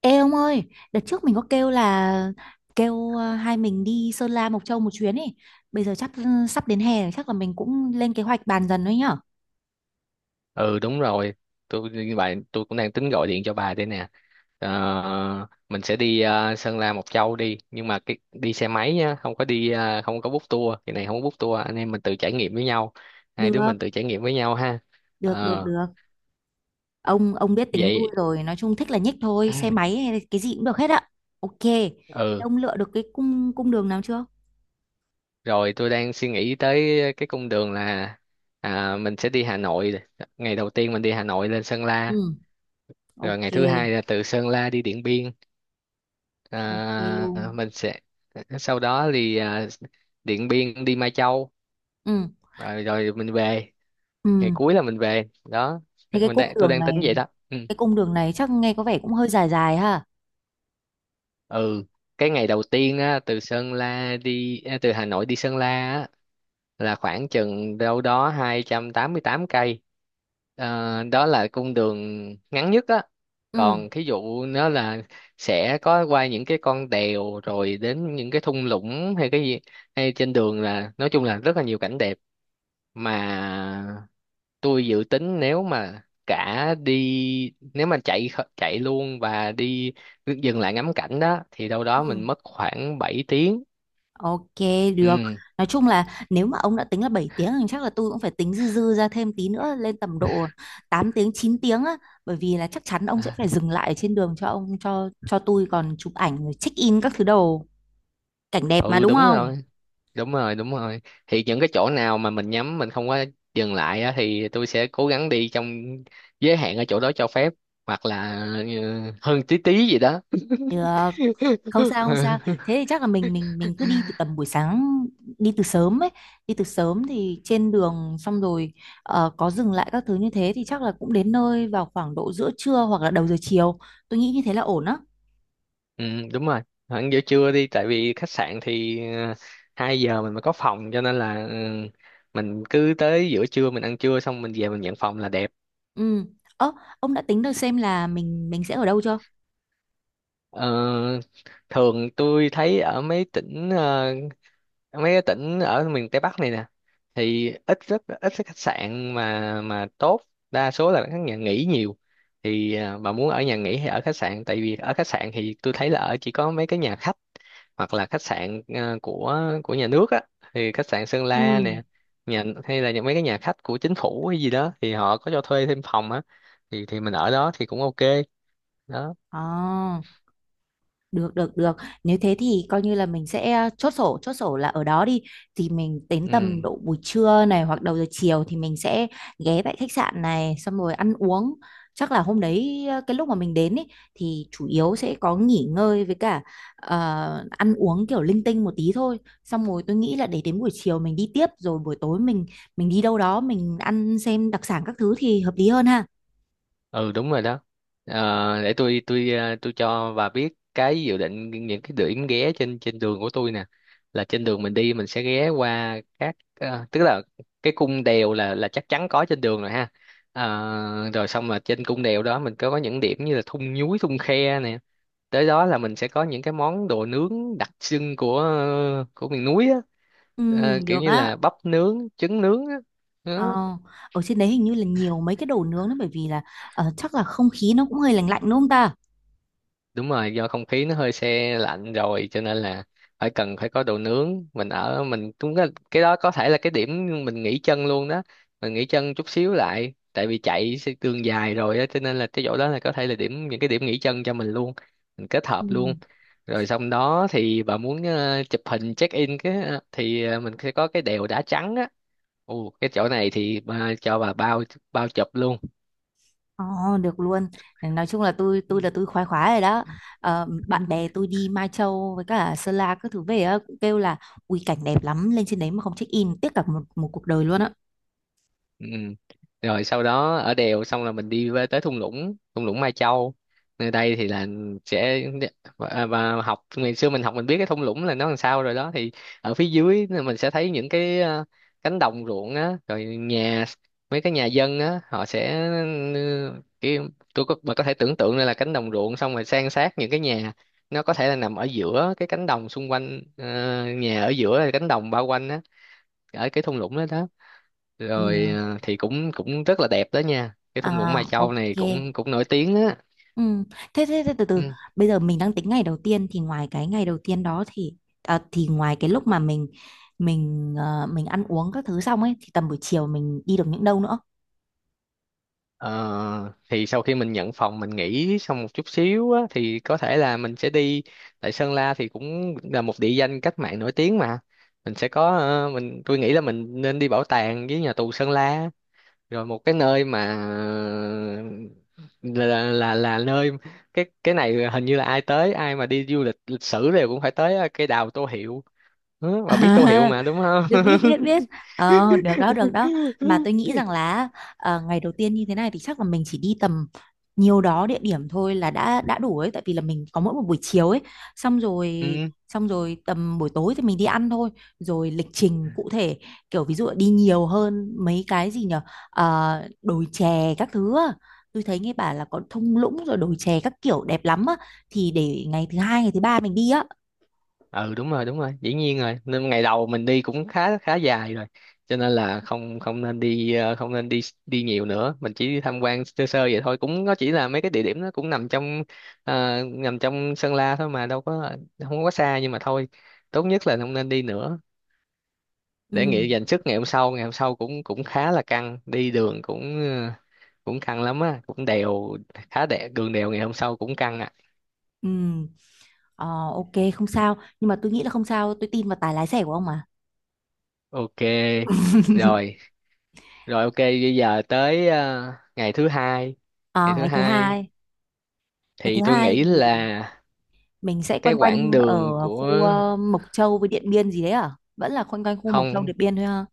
Ê ông ơi, đợt trước mình có kêu là hai mình đi Sơn La Mộc Châu một chuyến ấy. Bây giờ sắp đến hè rồi, chắc là mình cũng lên kế hoạch bàn dần thôi nhở. Ừ, đúng rồi. Tôi như vậy tôi cũng đang tính gọi điện cho bà đây nè. Mình sẽ đi Sơn La Mộc Châu đi, nhưng mà cái đi xe máy nhá, không có đi ờ, không có book tour cái này không có book tour, anh em mình tự trải nghiệm với nhau, hai đứa Được, mình tự trải nghiệm với nhau ha. được, được, Ờ, được. Ông biết tính tôi vậy rồi, nói chung thích là nhích thôi, xe máy hay là cái gì cũng được hết ạ. Ok. Thế ừ ông lựa được cái cung cung đường nào chưa? Rồi, tôi đang suy nghĩ tới cái cung đường là, mình sẽ đi Hà Nội, ngày đầu tiên mình đi Hà Nội lên Sơn La, Ừ, rồi ok, ngày thứ hai là từ Sơn La đi Điện Biên. ok luôn. À, mình sẽ Sau đó thì Điện Biên đi Mai Châu, Ừ, rồi mình về, ngày ừ. cuối là mình về đó, Thế cái mình cung đang tôi đường đang tính vậy này, đó. Ừ. cái cung đường này chắc nghe có vẻ cũng hơi dài dài ha. Ừ, cái ngày đầu tiên á, từ Hà Nội đi Sơn La á, là khoảng chừng đâu đó 288 cây. Đó là cung đường ngắn nhất á. Ừ. Còn thí dụ nó là sẽ có qua những cái con đèo, rồi đến những cái thung lũng hay cái gì, hay trên đường là nói chung là rất là nhiều cảnh đẹp, mà tôi dự tính nếu mà cả đi nếu mà chạy chạy luôn và đi dừng lại ngắm cảnh đó thì đâu đó mình Ừ. mất khoảng 7 tiếng. Ok, được. Ừ. Nói chung là nếu mà ông đã tính là 7 tiếng thì chắc là tôi cũng phải tính dư dư ra thêm tí nữa lên tầm độ 8 tiếng, 9 tiếng á. Bởi vì là chắc chắn ông sẽ À, phải dừng lại trên đường cho ông cho tôi còn chụp ảnh rồi check in các thứ đồ. Cảnh đẹp mà ừ, đúng đúng không? rồi, đúng rồi, đúng rồi, thì những cái chỗ nào mà mình nhắm mình không có dừng lại á, thì tôi sẽ cố gắng đi trong giới hạn ở chỗ đó cho phép, hoặc là hơn tí tí gì đó. Được. Không sao. Thế thì chắc là mình cứ đi từ tầm buổi sáng, đi từ sớm ấy, đi từ sớm thì trên đường xong rồi có dừng lại các thứ như thế thì chắc là cũng đến nơi vào khoảng độ giữa trưa hoặc là đầu giờ chiều. Tôi nghĩ như thế là ổn á. Ừ, đúng rồi. Hẳn giữa trưa đi, tại vì khách sạn thì uh, 2 giờ mình mới có phòng, cho nên là mình cứ tới giữa trưa mình ăn trưa xong mình về mình nhận phòng là đẹp. Ừ. Ơ, ông đã tính được xem là mình sẽ ở đâu chưa? Ờ, Thường tôi thấy ở mấy tỉnh ờ, ở mấy cái tỉnh ở miền Tây Bắc này nè thì ít, rất ít cái khách sạn mà tốt, đa số là các nhà nghỉ nhiều. Thì bà muốn ở nhà nghỉ hay ở khách sạn, tại vì ở khách sạn thì tôi thấy là ở chỉ có mấy cái nhà khách hoặc là khách sạn của nhà nước á, thì khách sạn Sơn La Ừ. nè, nhà hay là những mấy cái nhà khách của chính phủ hay gì đó thì họ có cho thuê thêm phòng á, thì mình ở đó thì cũng ok đó. Ờ. Được được được. Nếu thế thì coi như là mình sẽ chốt sổ là ở đó đi. Thì mình đến tầm Ừ. độ buổi trưa này hoặc đầu giờ chiều thì mình sẽ ghé tại khách sạn này xong rồi ăn uống. Chắc là hôm đấy cái lúc mà mình đến ý, thì chủ yếu sẽ có nghỉ ngơi với cả ăn uống kiểu linh tinh một tí thôi. Xong rồi tôi nghĩ là để đến buổi chiều mình đi tiếp rồi buổi tối mình đi đâu đó mình ăn xem đặc sản các thứ thì hợp lý hơn ha. Ừ, đúng rồi đó. Để tôi, tôi cho bà biết cái dự định những cái điểm ghé trên trên đường của tôi nè, là trên đường mình đi mình sẽ ghé qua các tức là cái cung đèo là chắc chắn có trên đường rồi ha. Rồi xong là trên cung đèo đó mình có những điểm như là thung nhúi thung khe nè, tới đó là mình sẽ có những cái món đồ nướng đặc trưng của miền núi á. Ừ, Kiểu được như á. là bắp nướng trứng nướng á. Ờ, Đó. ở trên đấy hình như là nhiều mấy cái đồ nướng đấy bởi vì là chắc là không khí nó cũng hơi lạnh lạnh đúng không ta? Đúng rồi, do không khí nó hơi se lạnh rồi, cho nên là phải cần phải có đồ nướng, mình ở mình cũng có, cái đó có thể là cái điểm mình nghỉ chân luôn đó, mình nghỉ chân chút xíu lại tại vì chạy sẽ đường dài rồi á cho nên là cái chỗ đó là có thể là điểm, những cái điểm nghỉ chân cho mình luôn, mình kết hợp Ừ. luôn. Rồi xong đó thì bà muốn chụp hình check in cái mình sẽ có cái đèo đá trắng á, ồ cái chỗ này thì bà, cho bà bao bao chụp luôn. Ờ, được luôn. Nói chung là tôi là tôi khoái khoái rồi đó. Ờ, Ừ. bạn bè tôi đi Mai Châu với cả Sơn La các thứ về á, cũng kêu là ui cảnh đẹp lắm, lên trên đấy mà không check in tiếc cả một một cuộc đời luôn á. Ừ. Rồi sau đó ở đèo xong là mình đi về tới thung lũng, thung lũng Mai Châu, nơi đây thì là sẽ, và học ngày xưa mình học mình biết cái thung lũng là nó làm sao rồi đó, thì ở phía dưới là mình sẽ thấy những cái cánh đồng ruộng á, rồi nhà, mấy cái nhà dân á họ sẽ, ừ, cái tôi có bà có thể tưởng tượng đây là cánh đồng ruộng, xong rồi san sát những cái nhà, nó có thể là nằm ở giữa cái cánh đồng xung quanh, nhà ở giữa là cánh đồng bao quanh á, ở cái thung lũng đó đó, rồi Ừ. ờ, thì cũng cũng rất là đẹp đó nha, cái thung lũng Mai À, Châu này ok. cũng cũng nổi tiếng á. Ừ. Thế, thế, thế từ từ Ừ. bây giờ mình đang tính ngày đầu tiên thì ngoài cái ngày đầu tiên đó thì thì ngoài cái lúc mà mình ăn uống các thứ xong ấy thì tầm buổi chiều mình đi được những đâu nữa. Ờ, thì sau khi mình nhận phòng mình nghỉ xong một chút xíu á, thì có thể là mình sẽ đi, tại Sơn La thì cũng là một địa danh cách mạng nổi tiếng mà, mình sẽ có ờ, mình tôi nghĩ là mình nên đi bảo tàng với nhà tù Sơn La, rồi một cái nơi mà là nơi, cái này hình như là ai tới ai mà đi du lịch lịch sử đều cũng phải tới cái đào Tô Hiệu. Ừ, bà biết tô hiệu À, mà đúng không? biết biết Ừ. biết biết Ờ, được đó mà tôi nghĩ rằng là ờ, ngày đầu tiên như thế này thì chắc là mình chỉ đi tầm nhiều đó địa điểm thôi là đã đủ ấy, tại vì là mình có mỗi một buổi chiều ấy, xong rồi Ừ, xong rồi tầm buổi tối thì mình đi ăn thôi, rồi lịch trình cụ thể kiểu ví dụ là đi nhiều hơn mấy cái gì nhở. Ờ, đồi chè các thứ á. Tôi thấy nghe bảo là có thung lũng rồi đồi chè các kiểu đẹp lắm á, thì để ngày thứ hai ngày thứ ba mình đi á. ừ, đúng rồi, đúng rồi, dĩ nhiên rồi. Nên ngày đầu mình đi cũng khá khá dài rồi, cho nên là không không nên đi, đi nhiều nữa, mình chỉ đi tham quan sơ sơ vậy thôi, cũng nó chỉ là mấy cái địa điểm, nó cũng nằm trong, nằm trong Sơn La thôi mà đâu có, không có xa, nhưng mà thôi, tốt nhất là không nên đi nữa, Ừ, để nghỉ dành sức ngày hôm sau, ngày hôm sau cũng cũng khá là căng, đi đường cũng cũng căng lắm á, cũng đèo, khá đè đường đèo ngày hôm sau cũng căng. ừ. Ờ, ok, không sao nhưng mà tôi nghĩ là không sao tôi tin vào tài lái xe của ông mà. Ok, rồi, rồi ok, bây giờ tới ngày thứ hai. Ờ, Ngày thứ ngày thứ hai hai, ngày thì thứ tôi hai nghĩ thì là mình sẽ cái quanh quanh quãng đường ở của khu Mộc Châu với Điện Biên gì đấy à, vẫn là quanh quanh khu Mộc Châu không, Điện Biên thôi ha?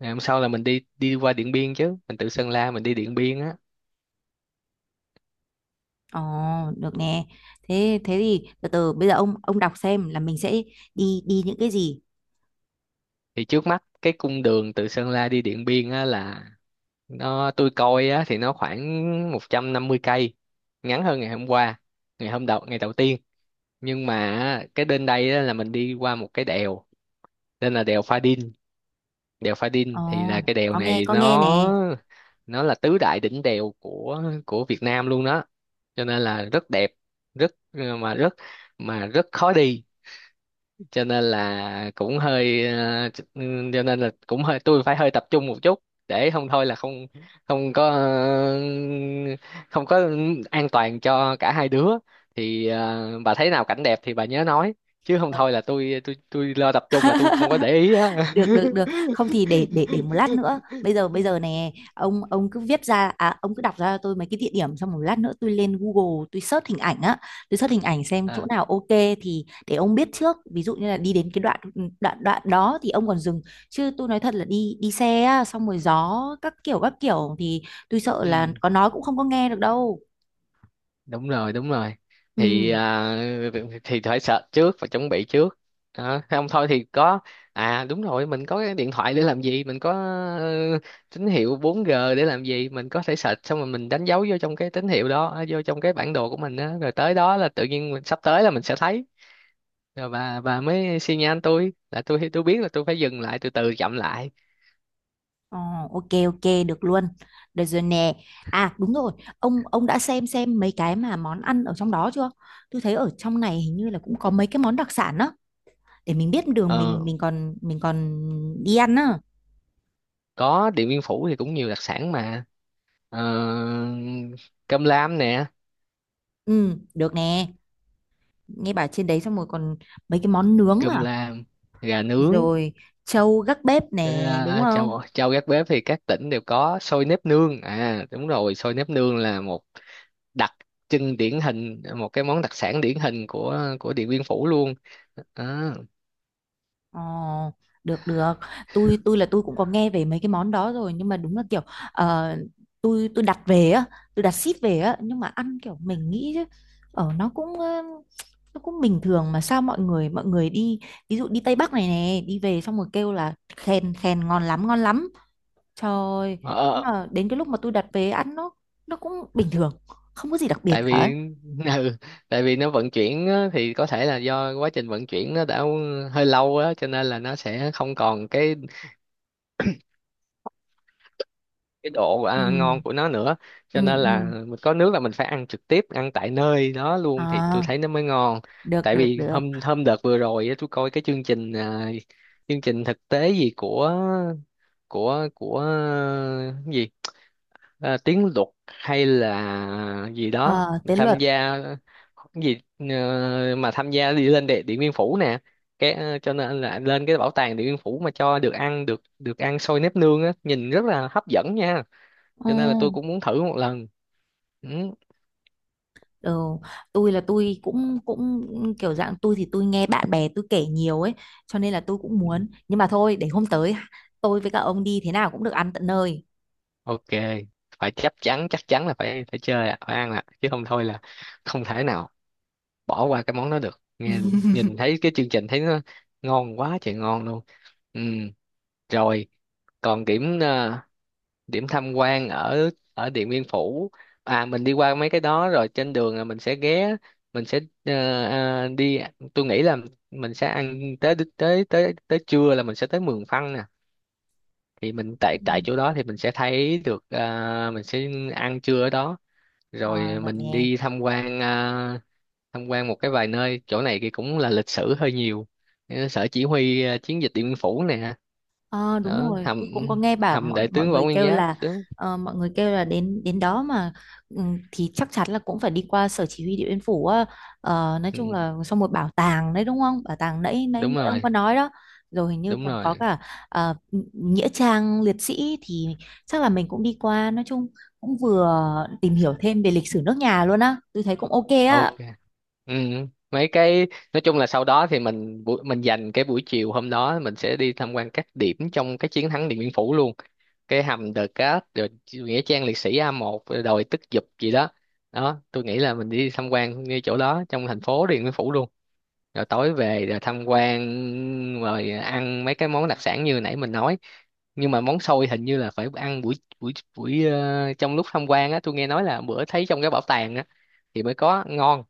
ngày hôm sau là mình đi đi qua Điện Biên chứ, mình từ Sơn La mình đi Điện Biên á. Ờ, được nè. Thế thế thì từ từ bây giờ ông đọc xem là mình sẽ đi đi những cái gì. Thì trước mắt cái cung đường từ Sơn La đi Điện Biên á là, nó tôi coi á thì nó khoảng 150 cây, ngắn hơn ngày hôm qua, ngày hôm đầu, ngày đầu tiên. Nhưng mà á, cái đến đây á, là mình đi qua một cái đèo, tên là đèo Pha Ờ, Đin, thì là cái đèo có nghe này có nghe nè. nó là tứ đại đỉnh đèo của Việt Nam luôn đó, cho nên là rất đẹp, rất mà rất khó đi, cho nên là cũng hơi cho nên là cũng hơi tôi phải hơi tập trung một chút, để không thôi là không không có ờ, không có an toàn cho cả hai đứa. Thì bà thấy nào cảnh đẹp thì bà nhớ nói, chứ không Được. thôi là tôi lo tập trung là tôi không có để ý á. được được được Không thì để một lát nữa, bây giờ nè, ông cứ viết ra, à, ông cứ đọc ra cho tôi mấy cái địa điểm, xong một lát nữa tôi lên Google tôi search hình ảnh á, tôi search hình ảnh xem chỗ à, nào ok, thì để ông biết trước ví dụ như là đi đến cái đoạn, đoạn đó thì ông còn dừng, chứ tôi nói thật là đi đi xe á, xong rồi gió các kiểu thì tôi sợ là ừ. có nói cũng không có nghe được đâu. Đúng rồi, đúng rồi, thì Ừ. Thì phải search trước và chuẩn bị trước đó. Không thôi thì có, đúng rồi, mình có cái điện thoại để làm gì, mình có ờ, tín hiệu 4G để làm gì, mình có thể search xong rồi mình đánh dấu vô trong cái tín hiệu đó, vô trong cái bản đồ của mình đó. Rồi tới đó là tự nhiên mình sắp tới là mình sẽ thấy, rồi bà mới xi nhan tôi là tôi biết là tôi phải dừng lại, từ từ chậm lại. Ờ, ok ok, được luôn. Được rồi nè. À đúng rồi, ông đã xem mấy cái mà món ăn ở trong đó chưa? Tôi thấy ở trong này hình như là cũng có mấy cái món đặc sản á, để mình biết đường ờ mình còn mình còn đi ăn á. có Điện Biên Phủ thì cũng nhiều đặc sản mà, ờ, cơm lam nè, Ừ, được nè. Nghe bảo trên đấy xong rồi còn mấy cái món nướng cơm à, lam gà nướng. rồi trâu gác bếp nè, đúng không? Châu châu gác bếp thì các tỉnh đều có, xôi nếp nương, đúng rồi, xôi nếp nương là một đặc trưng điển hình, một cái món đặc sản điển hình của Điện Biên Phủ luôn. À, Ờ, được được, tôi là tôi cũng có nghe về mấy cái món đó rồi nhưng mà đúng là kiểu ờ, tôi đặt về á, tôi đặt ship về á nhưng mà ăn kiểu mình nghĩ chứ, ở nó cũng nó cũng bình thường, mà sao mọi người đi ví dụ đi Tây Bắc này nè, đi về xong rồi kêu là khen khen ngon lắm ngon lắm, trời ơi, ờ, nhưng ờ, mà đến cái lúc mà tôi đặt về ăn nó cũng bình thường, không có gì đặc biệt tại cả. vì ừ, tại vì nó vận chuyển á, thì có thể là do quá trình vận chuyển nó đã hơi lâu á, cho nên là nó sẽ không còn cái độ Ừ, ngon của nó nữa, cho ừ, nên là ừ, mình có nước là mình phải ăn trực tiếp, ăn tại nơi đó luôn thì tôi à, thấy nó mới ngon. được Tại được vì được hôm hôm đợt vừa rồi á, tôi coi cái chương trình, chương trình thực tế gì của của của à, cái gì tiếng luật hay là gì đó Ờ, tế luật. tham gia cái gì ờ, mà tham gia đi lên Điện Biên Phủ nè, cho nên là lên cái bảo tàng Điện Biên Phủ mà cho được ăn, được được ăn xôi nếp nương á, nhìn rất là hấp dẫn nha, cho nên là tôi Ừ. cũng muốn thử một lần. Ừ. Ờ, tôi là tôi cũng cũng kiểu dạng tôi thì tôi nghe bạn bè tôi kể nhiều ấy, cho nên là tôi cũng Ừ, muốn nhưng mà thôi để hôm tới tôi với cả ông đi thế nào cũng được ăn tận nơi. ok, phải chắc chắn, chắc chắn là phải phải chơi ạ, phải ăn ạ, chứ không thôi là không thể nào bỏ qua cái món đó được nghe, nhìn thấy cái chương trình thấy nó ngon quá trời, ngon luôn. Ừ. Rồi còn điểm tham quan ở ở Điện Biên Phủ. À, mình đi qua mấy cái đó rồi, trên đường là mình sẽ ghé, mình sẽ ờ, ờ, đi tôi nghĩ là mình sẽ ăn, tới tới tới tới trưa là mình sẽ tới Mường Phăng nè, thì mình tại tại Ừ. chỗ đó thì mình sẽ thấy được, mình sẽ ăn trưa ở đó, Ờ, rồi được mình nè. đi tham quan, tham quan một cái vài nơi, chỗ này thì cũng là lịch sử hơi nhiều. Sở chỉ huy, chiến dịch Điện Biên Phủ nè, Ờ đúng đó rồi, hầm tôi cũng có nghe bảo hầm mọi đại mọi tướng Võ người Nguyên kêu Giáp là đúng. ờ, mọi người kêu là đến đến đó mà ừ, thì chắc chắn là cũng phải đi qua sở chỉ huy Điện Biên Phủ á. Ờ, nói chung Ừ, là xong một bảo tàng đấy đúng không? Bảo tàng nãy nãy, đúng nãy ông có rồi, nói đó. Rồi hình như đúng còn có rồi, cả ờ, nghĩa trang liệt sĩ thì chắc là mình cũng đi qua, nói chung cũng vừa tìm hiểu thêm về lịch sử nước nhà luôn á. Tôi thấy cũng ok á. ok. Ừ. Mấy cái, nói chung là sau đó thì mình mình dành cái buổi chiều hôm đó, mình sẽ đi tham quan các điểm trong cái chiến thắng Điện Biên Phủ luôn, cái hầm The Cát, rồi nghĩa trang liệt sĩ A1, rồi đồi Tức Dục gì đó đó, tôi nghĩ là mình đi tham quan ngay chỗ đó trong thành phố Điện Biên Phủ luôn, rồi tối về rồi tham quan, rồi ăn mấy cái món đặc sản như nãy mình nói, nhưng mà món xôi hình như là phải ăn buổi, buổi buổi ờ, trong lúc tham quan á, tôi nghe nói là bữa thấy trong cái bảo tàng á thì mới có ngon,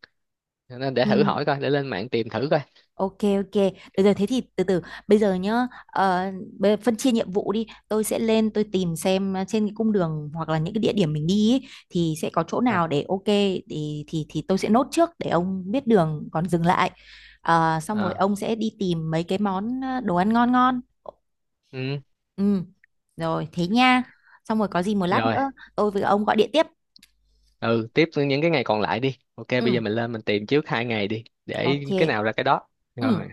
nên để thử Ừ. hỏi coi, để lên mạng tìm thử coi. Ok ok, được rồi thế thì từ từ bây giờ nhá, bây giờ phân chia nhiệm vụ đi, tôi sẽ lên tôi tìm xem trên cái cung đường hoặc là những cái địa điểm mình đi ý, thì sẽ có chỗ Ờ. nào để ok thì thì tôi sẽ nốt trước để ông biết đường còn dừng lại. Ờ, xong rồi À. ông sẽ đi tìm mấy cái món đồ ăn ngon ngon. Ừ. Ừ, rồi thế nha. Xong rồi có gì một lát Rồi, nữa tôi với ông gọi điện tiếp. ừ, tiếp những cái ngày còn lại đi, ok bây Ừ, giờ mình lên mình tìm trước 2 ngày đi, để cái ok. nào ra cái đó, Ừ. rồi.